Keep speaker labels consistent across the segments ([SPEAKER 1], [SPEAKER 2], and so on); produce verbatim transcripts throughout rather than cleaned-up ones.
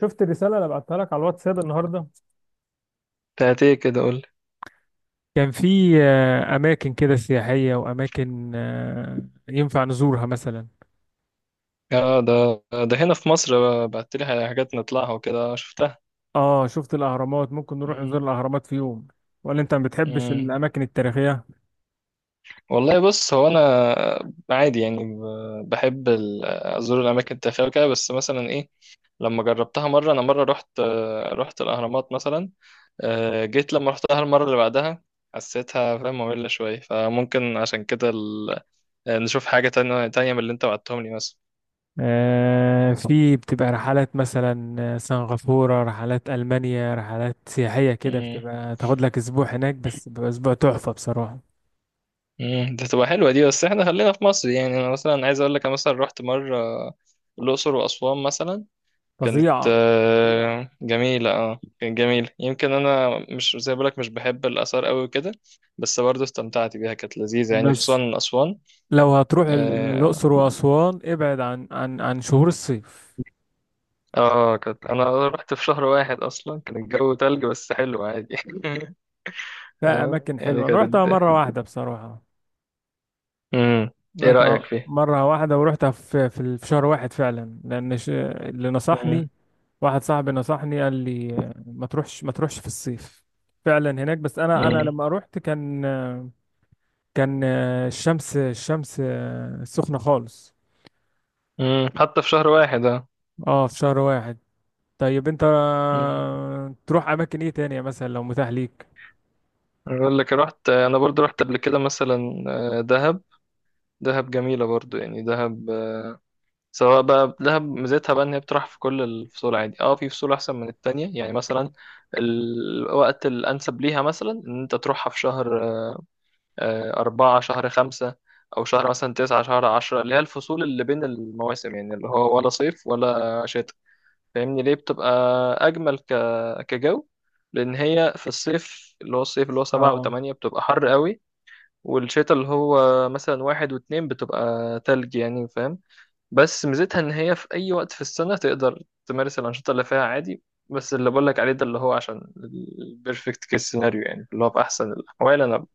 [SPEAKER 1] شفت الرسالة اللي بعتها لك على الواتساب النهاردة؟
[SPEAKER 2] بتاعت ايه كده؟ قول لي.
[SPEAKER 1] كان في آه، أماكن كده سياحية، وأماكن آه، ينفع نزورها مثلا.
[SPEAKER 2] اه، ده ده هنا في مصر، بقى- بعت لي حاجات نطلعها وكده شفتها.
[SPEAKER 1] اه، شفت الأهرامات. ممكن نروح
[SPEAKER 2] مم.
[SPEAKER 1] نزور الأهرامات في يوم. ولا أنت ما بتحبش
[SPEAKER 2] مم.
[SPEAKER 1] الأماكن التاريخية؟
[SPEAKER 2] والله، بص، هو انا عادي يعني، ب- بحب ال- ازور الاماكن التاريخيه وكده، بس مثلا ايه، لما جربتها مره، انا مره رحت آه، رحت الاهرامات مثلا. آه، جيت لما رحتها المره اللي بعدها، حسيتها، فاهم، ممله شويه، فممكن عشان كده ال- نشوف حاجه تانية تانية من اللي انت بعتهم لي،
[SPEAKER 1] آه، في بتبقى رحلات مثلا، آه، سنغافورة، رحلات ألمانيا، رحلات سياحية كده
[SPEAKER 2] مثلا.
[SPEAKER 1] بتبقى تاخد لك أسبوع هناك، بس بيبقى أسبوع تحفة بصراحة.
[SPEAKER 2] امم ده تبقى حلوه دي، بس احنا خلينا في مصر يعني، انا مثلا عايز اقول لك، انا مثلا رحت مره الاقصر واسوان مثلا. كانت
[SPEAKER 1] فظيعة.
[SPEAKER 2] آه، جميله، اه كانت جميله. يمكن انا مش زي بقولك، مش بحب الاثار قوي وكده، بس برضه استمتعت بيها، كانت لذيذه يعني،
[SPEAKER 1] بس
[SPEAKER 2] خصوصا اسوان.
[SPEAKER 1] لو هتروح
[SPEAKER 2] اه.
[SPEAKER 1] الأقصر وأسوان، ابعد عن عن عن شهور الصيف.
[SPEAKER 2] آه، كانت، انا رحت في شهر واحد، اصلا كان الجو تلج بس حلو عادي.
[SPEAKER 1] لا،
[SPEAKER 2] آه،
[SPEAKER 1] اماكن
[SPEAKER 2] يعني
[SPEAKER 1] حلوه، انا رحتها
[SPEAKER 2] كانت،
[SPEAKER 1] مره واحده بصراحه.
[SPEAKER 2] امم، ايه رايك
[SPEAKER 1] رحتها
[SPEAKER 2] فيه؟
[SPEAKER 1] مره واحده، ورحتها في في ال- في شهر واحد فعلا، لان ش- اللي
[SPEAKER 2] امم.
[SPEAKER 1] نصحني واحد صاحبي، نصحني قال لي آه، ما تروحش ما تروحش في الصيف فعلا هناك. بس انا انا
[SPEAKER 2] امم.
[SPEAKER 1] لما رحت كان آه، كان آه، الشمس الشمس آه، سخنه خالص.
[SPEAKER 2] أمم، حتى في شهر واحد.
[SPEAKER 1] اه، في شهر واحد. طيب، انت
[SPEAKER 2] اه،
[SPEAKER 1] آه، تروح اماكن ايه تانية مثلا لو متاح ليك؟
[SPEAKER 2] اقول لك، رحت انا برضو رحت قبل كده مثلا، آه، دهب. دهب جميله برضو يعني، دهب آه، سواء بقى دهب، ميزتها بقى ان هي بتروح في كل الفصول عادي، اه في فصول احسن من التانية يعني. مثلا الوقت الانسب ليها، مثلا ان انت تروحها في شهر آه، أربعة، شهر خمسة، او شهر مثلا تسعة، شهر عشرة، اللي هي الفصول اللي بين المواسم، يعني اللي هو ولا صيف ولا شتاء، فاهمني. ليه بتبقى اجمل ك... كجو؟ لان هي في الصيف، اللي هو الصيف اللي هو سبعة
[SPEAKER 1] اه،
[SPEAKER 2] وثمانية بتبقى حر قوي، والشتاء اللي هو مثلا واحد واتنين بتبقى تلج، يعني فاهم. بس ميزتها ان هي في اي وقت في السنة تقدر تمارس الانشطة اللي فيها عادي. بس اللي بقولك عليه ده اللي هو عشان البيرفكت كيس سيناريو يعني، اللي هو في احسن الاحوال انا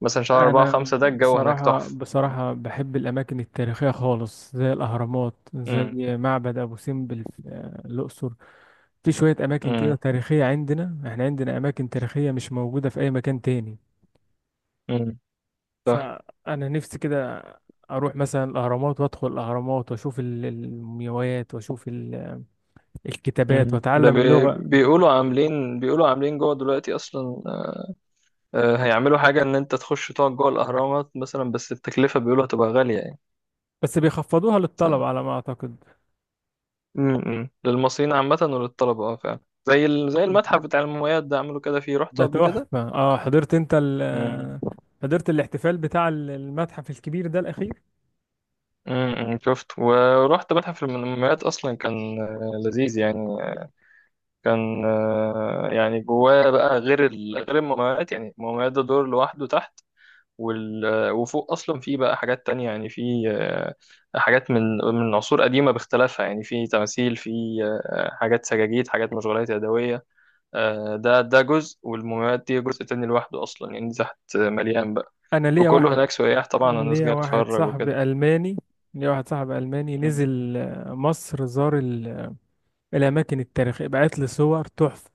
[SPEAKER 2] مثلا شهر أربعة
[SPEAKER 1] انا
[SPEAKER 2] خمسة، ده الجو هناك
[SPEAKER 1] بصراحه
[SPEAKER 2] تحفة.
[SPEAKER 1] بصراحه بحب الاماكن التاريخيه خالص، زي الاهرامات،
[SPEAKER 2] امم.
[SPEAKER 1] زي معبد ابو سمبل في آه، الاقصر. في شويه اماكن كده
[SPEAKER 2] امم.
[SPEAKER 1] تاريخيه عندنا. احنا عندنا اماكن تاريخيه مش موجوده في اي مكان تاني.
[SPEAKER 2] امم. صح.
[SPEAKER 1] فانا نفسي كده اروح مثلا الاهرامات، وادخل الاهرامات، واشوف ال- المومياوات، واشوف ال-
[SPEAKER 2] امم
[SPEAKER 1] الكتابات،
[SPEAKER 2] ده
[SPEAKER 1] واتعلم
[SPEAKER 2] بي...
[SPEAKER 1] اللغه.
[SPEAKER 2] بيقولوا عاملين بيقولوا عاملين جوه دلوقتي اصلا، آه، هيعملوا حاجه ان انت تخش تقعد جوه الاهرامات مثلا، بس التكلفه بيقولوا هتبقى غاليه
[SPEAKER 1] بس بيخفضوها للطلب
[SPEAKER 2] يعني.
[SPEAKER 1] على ما اعتقد.
[SPEAKER 2] امم للمصريين عامة وللطلبة، اه فعلا. زي ال... زي المتحف بتاع المومياوات، ده عملوا كده فيه، رحته
[SPEAKER 1] ده
[SPEAKER 2] قبل كده.
[SPEAKER 1] تحفة. اه، حضرت انت
[SPEAKER 2] امم.
[SPEAKER 1] ال حضرت الاحتفال بتاع ال- المتحف الكبير ده الأخير؟
[SPEAKER 2] امم. شفت، ورحت متحف المومياوات أصلا، كان آه، لذيذ يعني. كان آه، يعني جواه بقى، غير ال... غير المومياوات، يعني المومياوات ده دور لوحده تحت، وال... آه، وفوق أصلا فيه بقى حاجات تانية، يعني فيه آه، حاجات من من عصور قديمة باختلافها، يعني فيه تماثيل، فيه آه، حاجات سجاجيد، حاجات مشغولات يدوية، آه، ده ده جزء والمومياوات دي جزء تاني لوحده أصلا، يعني تحت مليان بقى.
[SPEAKER 1] أنا ليا
[SPEAKER 2] وكله
[SPEAKER 1] واحد
[SPEAKER 2] هناك سياح طبعا، الناس
[SPEAKER 1] ليا
[SPEAKER 2] جاية
[SPEAKER 1] واحد
[SPEAKER 2] بتتفرج وكده.
[SPEAKER 1] صاحبي ألماني ليا واحد صاحبي ألماني
[SPEAKER 2] مم.
[SPEAKER 1] نزل آه، مصر، زار ال- الأماكن التاريخية، بعت لي صور تحفة.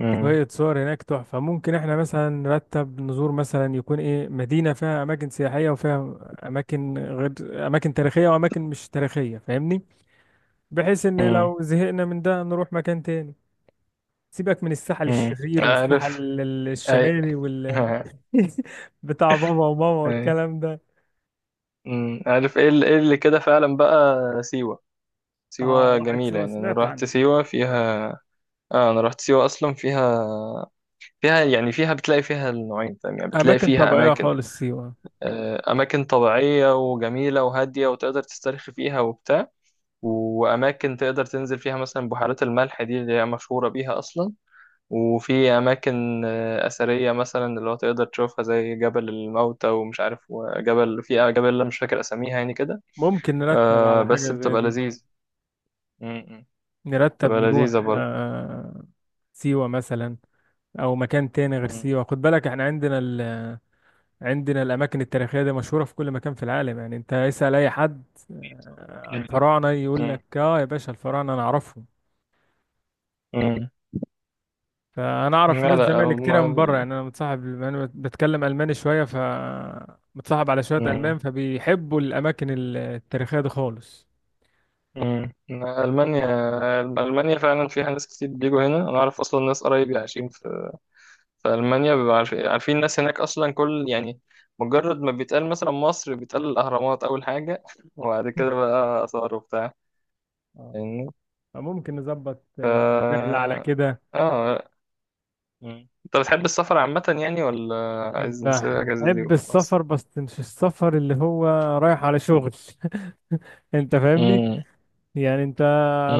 [SPEAKER 2] مم.
[SPEAKER 1] شوية صور هناك تحفة. ممكن احنا مثلا نرتب نزور مثلا، يكون ايه، مدينة فيها أماكن سياحية، وفيها أماكن غير أماكن تاريخية، وأماكن مش تاريخية، فاهمني؟ بحيث إن
[SPEAKER 2] مم.
[SPEAKER 1] لو زهقنا من ده نروح مكان تاني. سيبك من السحل
[SPEAKER 2] مم.
[SPEAKER 1] الشرير، والسحل
[SPEAKER 2] عارف.
[SPEAKER 1] ال- ال-
[SPEAKER 2] أي.
[SPEAKER 1] الشمالي، وال بتاع بابا وماما
[SPEAKER 2] أي.
[SPEAKER 1] والكلام ده.
[SPEAKER 2] مم. عارف إيه اللي, إيه اللي كده فعلا بقى. سيوة.
[SPEAKER 1] اه،
[SPEAKER 2] سيوة
[SPEAKER 1] واحد،
[SPEAKER 2] جميلة
[SPEAKER 1] سيوة
[SPEAKER 2] يعني، أنا
[SPEAKER 1] سمعت
[SPEAKER 2] رحت
[SPEAKER 1] عنه.
[SPEAKER 2] سيوة فيها، آه أنا رحت سيوة أصلا فيها. فيها يعني، فيها بتلاقي فيها النوعين فاهم يعني، بتلاقي
[SPEAKER 1] أماكن
[SPEAKER 2] فيها
[SPEAKER 1] طبيعية
[SPEAKER 2] أماكن
[SPEAKER 1] خالص سيوة.
[SPEAKER 2] آه، أماكن طبيعية وجميلة وهادية وتقدر تسترخي فيها وبتاع، وأماكن تقدر تنزل فيها مثلا بحيرات الملح دي، اللي هي مشهورة بيها أصلا، وفي أماكن آه، أثرية مثلا اللي هو تقدر تشوفها، زي جبل الموتى، ومش عارف، وجبل، في جبل أنا مش فاكر أساميها يعني كده،
[SPEAKER 1] ممكن نرتب
[SPEAKER 2] آه
[SPEAKER 1] على
[SPEAKER 2] بس
[SPEAKER 1] حاجة زي
[SPEAKER 2] بتبقى
[SPEAKER 1] دي.
[SPEAKER 2] لذيذة. م- م.
[SPEAKER 1] نرتب
[SPEAKER 2] بتبقى
[SPEAKER 1] نروح
[SPEAKER 2] لذيذة برضه.
[SPEAKER 1] آه سيوة مثلا. أو مكان تاني غير
[SPEAKER 2] م-
[SPEAKER 1] سيوة. خد بالك، احنا عندنا ال... عندنا الأماكن التاريخية دي مشهورة في كل مكان في العالم. يعني أنت اسأل أي حد، آه، الفراعنة، يقول
[SPEAKER 2] م-
[SPEAKER 1] لك اه يا باشا، الفراعنة أنا أعرفهم.
[SPEAKER 2] م.
[SPEAKER 1] فانا اعرف
[SPEAKER 2] لا
[SPEAKER 1] ناس،
[SPEAKER 2] لا،
[SPEAKER 1] زمايلي
[SPEAKER 2] ألم-
[SPEAKER 1] كتيره من بره،
[SPEAKER 2] ال-
[SPEAKER 1] يعني انا متصاحب، انا بتكلم الماني شويه، ف متصاحب على شويه
[SPEAKER 2] م-
[SPEAKER 1] المان، فبيحبوا الاماكن التاريخيه دي خالص.
[SPEAKER 2] م. ألمانيا ألمانيا فعلا فيها ناس كتير بيجوا هنا، أنا أعرف أصلا ناس قرايبي عايشين في في ألمانيا، بيبقى عارف- عارفين الناس هناك أصلا، كل يعني مجرد ما بيتقال مثلا مصر، بيتقال الأهرامات أول حاجة. وبعد كده بقى آثار وبتاع،
[SPEAKER 1] آه.
[SPEAKER 2] فاهمني.
[SPEAKER 1] فممكن نظبط آه،
[SPEAKER 2] ف
[SPEAKER 1] رحله على كده.
[SPEAKER 2] اه. مم. أنت بتحب السفر عامة يعني، ولا عايز نسيب الأجازة دي
[SPEAKER 1] بحب
[SPEAKER 2] وخلاص؟
[SPEAKER 1] السفر، بس مش السفر اللي هو رايح على شغل. انت فاهمني.
[SPEAKER 2] مم.
[SPEAKER 1] يعني انت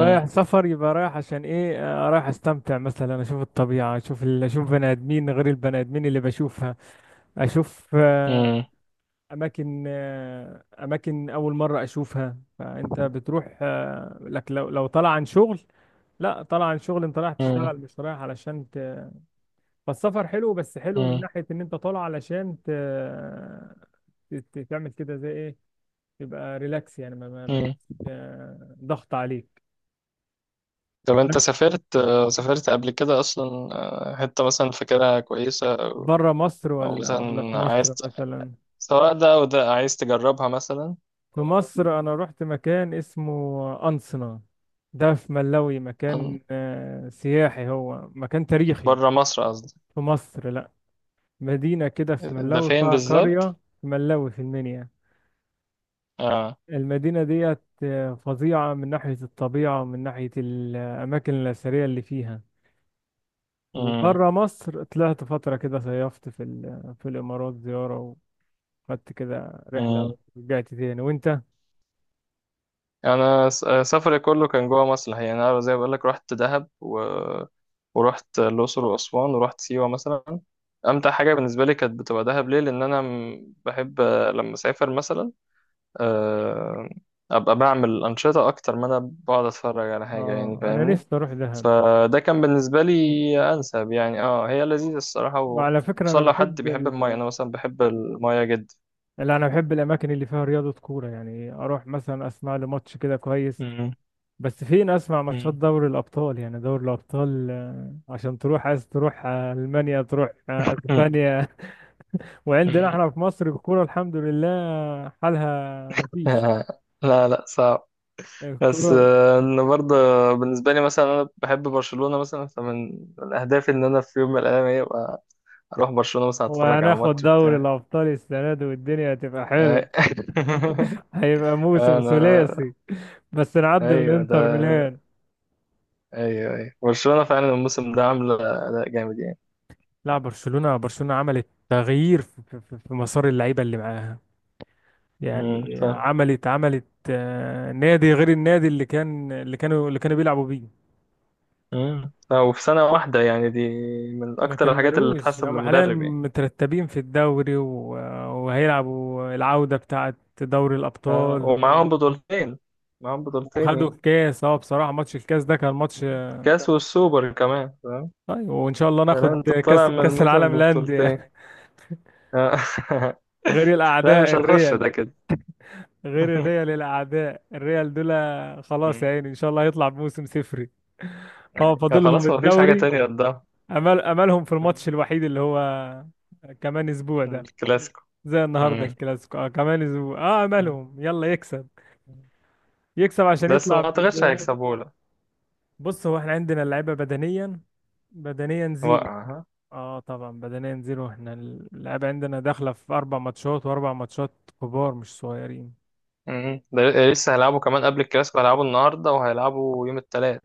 [SPEAKER 1] رايح سفر يبقى رايح عشان ايه؟ آه، رايح استمتع مثلا، اشوف الطبيعة، اشوف ال... اشوف بني ادمين غير البني ادمين اللي بشوفها، اشوف آه،
[SPEAKER 2] مم.
[SPEAKER 1] اماكن آه، اماكن اول مره اشوفها. فانت بتروح آه، لك، لو لو طالع عن شغل، لا طالع عن شغل انت رايح
[SPEAKER 2] مم.
[SPEAKER 1] تشتغل مش رايح علشان ت... فالسفر حلو، بس حلو من
[SPEAKER 2] مم.
[SPEAKER 1] ناحيه ان انت طالع علشان ت... ت- تعمل كده زي ايه، تبقى ريلاكس يعني ما, ما... ما...
[SPEAKER 2] مم.
[SPEAKER 1] آه، ضغط عليك.
[SPEAKER 2] طب أنت،
[SPEAKER 1] انا،
[SPEAKER 2] سافرت سافرت قبل كده أصلا، آه، حتة مثلا فاكرها كويسة،
[SPEAKER 1] بره مصر
[SPEAKER 2] أو
[SPEAKER 1] ولا ولا في
[SPEAKER 2] مثلا عايز
[SPEAKER 1] مصر
[SPEAKER 2] ت-
[SPEAKER 1] مثلا؟
[SPEAKER 2] سواء ده أو ده عايز تجربها مثلا؟
[SPEAKER 1] في مصر انا رحت مكان اسمه أنصنا. ده في ملاوي، مكان آه، سياحي، هو مكان تاريخي.
[SPEAKER 2] بره مصر قصدي.
[SPEAKER 1] في مصر، لا. مدينة كده في
[SPEAKER 2] ده
[SPEAKER 1] ملاوي،
[SPEAKER 2] فين
[SPEAKER 1] فيها
[SPEAKER 2] بالظبط؟
[SPEAKER 1] قرية في ملاوي، في المنيا.
[SPEAKER 2] اه.
[SPEAKER 1] المدينة ديت آه، فظيعة من ناحية الطبيعة، ومن ناحية الأماكن الأثرية اللي فيها.
[SPEAKER 2] امم.
[SPEAKER 1] وبره مصر، طلعت فترة كده، صيفت في ال- في الإمارات زيارة، وخدت كده رحلة
[SPEAKER 2] امم.
[SPEAKER 1] ورجعت تاني. وأنت؟
[SPEAKER 2] انا س- سفري كله كان جوه مصر الحقيقة يعني، انا زي ما بقول لك، رحت دهب و... ورحت الاقصر واسوان، ورحت سيوه مثلا. امتع حاجه بالنسبه لي كانت بتبقى دهب، ليه، لان انا م- بحب آه، لما اسافر مثلا آه، ابقى بعمل انشطه اكتر ما انا بقعد اتفرج على حاجه يعني،
[SPEAKER 1] آه أنا
[SPEAKER 2] فاهمني.
[SPEAKER 1] نفسي أروح دهب.
[SPEAKER 2] فده كان بالنسبه لي انسب يعني، اه هي لذيذه الصراحه و...
[SPEAKER 1] وعلى فكرة،
[SPEAKER 2] خصوصا
[SPEAKER 1] أنا
[SPEAKER 2] لو حد
[SPEAKER 1] بحب
[SPEAKER 2] بيحب المايه،
[SPEAKER 1] ال
[SPEAKER 2] انا مثلا بحب المايه جدا.
[SPEAKER 1] لا، انا بحب الاماكن اللي فيها رياضه، كوره، يعني اروح مثلا اسمع لي ماتش كده كويس.
[SPEAKER 2] مم.
[SPEAKER 1] بس فين اسمع ماتشات
[SPEAKER 2] مم.
[SPEAKER 1] دوري الابطال؟ يعني دوري الابطال، آه، عشان تروح عايز تروح آه، المانيا، تروح آه،
[SPEAKER 2] مم.
[SPEAKER 1] اسبانيا. وعندنا
[SPEAKER 2] مم.
[SPEAKER 1] احنا في مصر الكوره، الحمد لله، حالها مفيش
[SPEAKER 2] آه، لا لا صعب. بس
[SPEAKER 1] الكوره.
[SPEAKER 2] آه، انا برضه بالنسبه لي مثلا، انا بحب برشلونه مثلا، فمن من اهدافي ان انا في يوم من الايام ايه، أبقى اروح برشلونه مثلا، اتفرج على
[SPEAKER 1] وهناخد
[SPEAKER 2] ماتش
[SPEAKER 1] دوري
[SPEAKER 2] بتاع.
[SPEAKER 1] الابطال السنه دي، والدنيا هتبقى حلوه،
[SPEAKER 2] آه.
[SPEAKER 1] هيبقى موسم
[SPEAKER 2] انا،
[SPEAKER 1] ثلاثي. بس نعدي من
[SPEAKER 2] ايوه ده.
[SPEAKER 1] انتر ميلان.
[SPEAKER 2] ايوه ايوه، برشلونه فعلا الموسم ده عامله اداء جامد يعني.
[SPEAKER 1] لا، برشلونة برشلونة عملت تغيير في, في, في مسار اللعيبة اللي معاها.
[SPEAKER 2] مم.
[SPEAKER 1] يعني
[SPEAKER 2] ف
[SPEAKER 1] عملت عملت آه، نادي غير النادي اللي كان، اللي كانوا اللي كانوا بيلعبوا بيه.
[SPEAKER 2] مم. ف- وفي سنه واحده يعني دي، من
[SPEAKER 1] ما
[SPEAKER 2] اكتر الحاجات اللي
[SPEAKER 1] كملوش.
[SPEAKER 2] تحسب
[SPEAKER 1] هم حاليا
[SPEAKER 2] للمدرب يعني.
[SPEAKER 1] مترتبين في الدوري، و- وهيلعبوا العودة بتاعة دوري
[SPEAKER 2] ف-
[SPEAKER 1] الأبطال.
[SPEAKER 2] ومعاهم بطولتين، معاهم بطولتين
[SPEAKER 1] وخدوا
[SPEAKER 2] يعني.
[SPEAKER 1] الكاس. اه بصراحة، ماتش الكاس ده كان ماتش.
[SPEAKER 2] كاس والسوبر كمان فاهم.
[SPEAKER 1] طيب، وإن شاء الله
[SPEAKER 2] فلا
[SPEAKER 1] ناخد
[SPEAKER 2] انت
[SPEAKER 1] كاس
[SPEAKER 2] طالع من
[SPEAKER 1] كاس
[SPEAKER 2] الموسم
[SPEAKER 1] العالم
[SPEAKER 2] ببطولتين.
[SPEAKER 1] للأندية.
[SPEAKER 2] آه.
[SPEAKER 1] غير
[SPEAKER 2] لا
[SPEAKER 1] الأعداء
[SPEAKER 2] مش هنخش
[SPEAKER 1] الريال.
[SPEAKER 2] ده كده.
[SPEAKER 1] غير الريال، الأعداء الريال دول. خلاص يا
[SPEAKER 2] مم.
[SPEAKER 1] عيني، إن شاء الله هيطلع بموسم صفري. اه،
[SPEAKER 2] يعني.
[SPEAKER 1] فاضلهم
[SPEAKER 2] خلاص، ما فيش حاجة
[SPEAKER 1] الدوري.
[SPEAKER 2] تانية قدام.
[SPEAKER 1] امل املهم في
[SPEAKER 2] مم.
[SPEAKER 1] الماتش الوحيد اللي هو كمان اسبوع ده،
[SPEAKER 2] الكلاسيكو.
[SPEAKER 1] زي النهارده
[SPEAKER 2] مم.
[SPEAKER 1] الكلاسيكو. اه كمان اسبوع، اه
[SPEAKER 2] مم.
[SPEAKER 1] املهم يلا يكسب، يكسب عشان
[SPEAKER 2] بس
[SPEAKER 1] يطلع
[SPEAKER 2] ما
[SPEAKER 1] ب...
[SPEAKER 2] اعتقدش
[SPEAKER 1] ب-
[SPEAKER 2] هيكسبوه، لا.
[SPEAKER 1] بص، هو احنا عندنا اللعيبه بدنيا، بدنيا زيرو.
[SPEAKER 2] وقع ها.
[SPEAKER 1] اه طبعا، بدنيا زيرو. احنا اللعيبه عندنا داخله في اربع ماتشات، واربع ماتشات كبار مش صغيرين.
[SPEAKER 2] مم. ده لسه هيلعبوا كمان قبل الكلاسيكو، هيلعبوا النهاردة وهيلعبوا يوم التلات،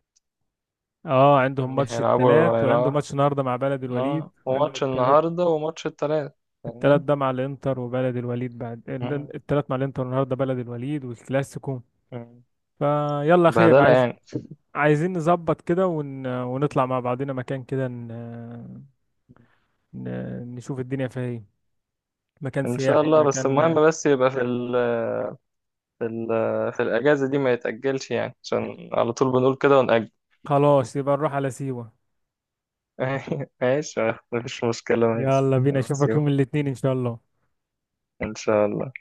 [SPEAKER 1] اه، عندهم
[SPEAKER 2] يعني
[SPEAKER 1] ماتش
[SPEAKER 2] هيلعبوا
[SPEAKER 1] التلات، وعنده
[SPEAKER 2] هيلعبوا
[SPEAKER 1] ماتش النهارده مع بلد الوليد،
[SPEAKER 2] اه،
[SPEAKER 1] عندهم
[SPEAKER 2] وماتش
[SPEAKER 1] التلات.
[SPEAKER 2] النهاردة وماتش التلات،
[SPEAKER 1] التلات
[SPEAKER 2] فاهمني؟
[SPEAKER 1] ده مع الانتر، وبلد الوليد بعد.
[SPEAKER 2] مم.
[SPEAKER 1] التلات مع الانتر، النهارده بلد الوليد والكلاسيكو.
[SPEAKER 2] مم.
[SPEAKER 1] فيلا خير.
[SPEAKER 2] بهدلة
[SPEAKER 1] عايز
[SPEAKER 2] يعني.
[SPEAKER 1] عايزين نظبط كده، ون... ونطلع مع بعضنا مكان كده، ن... ن... نشوف الدنيا فيها ايه، مكان
[SPEAKER 2] ان شاء
[SPEAKER 1] سياحي،
[SPEAKER 2] الله، بس المهم
[SPEAKER 1] مكان.
[SPEAKER 2] بس يبقى في ال في ال في الاجازه دي، ما يتاجلش يعني، عشان على طول بنقول كده ونأجل.
[SPEAKER 1] خلاص، يبقى نروح على سيوة.
[SPEAKER 2] ماشي. مفيش مشكله، ماشي.
[SPEAKER 1] يلا بينا،
[SPEAKER 2] بس
[SPEAKER 1] اشوفك
[SPEAKER 2] يلا.
[SPEAKER 1] يوم الاثنين ان شاء الله.
[SPEAKER 2] ان شاء الله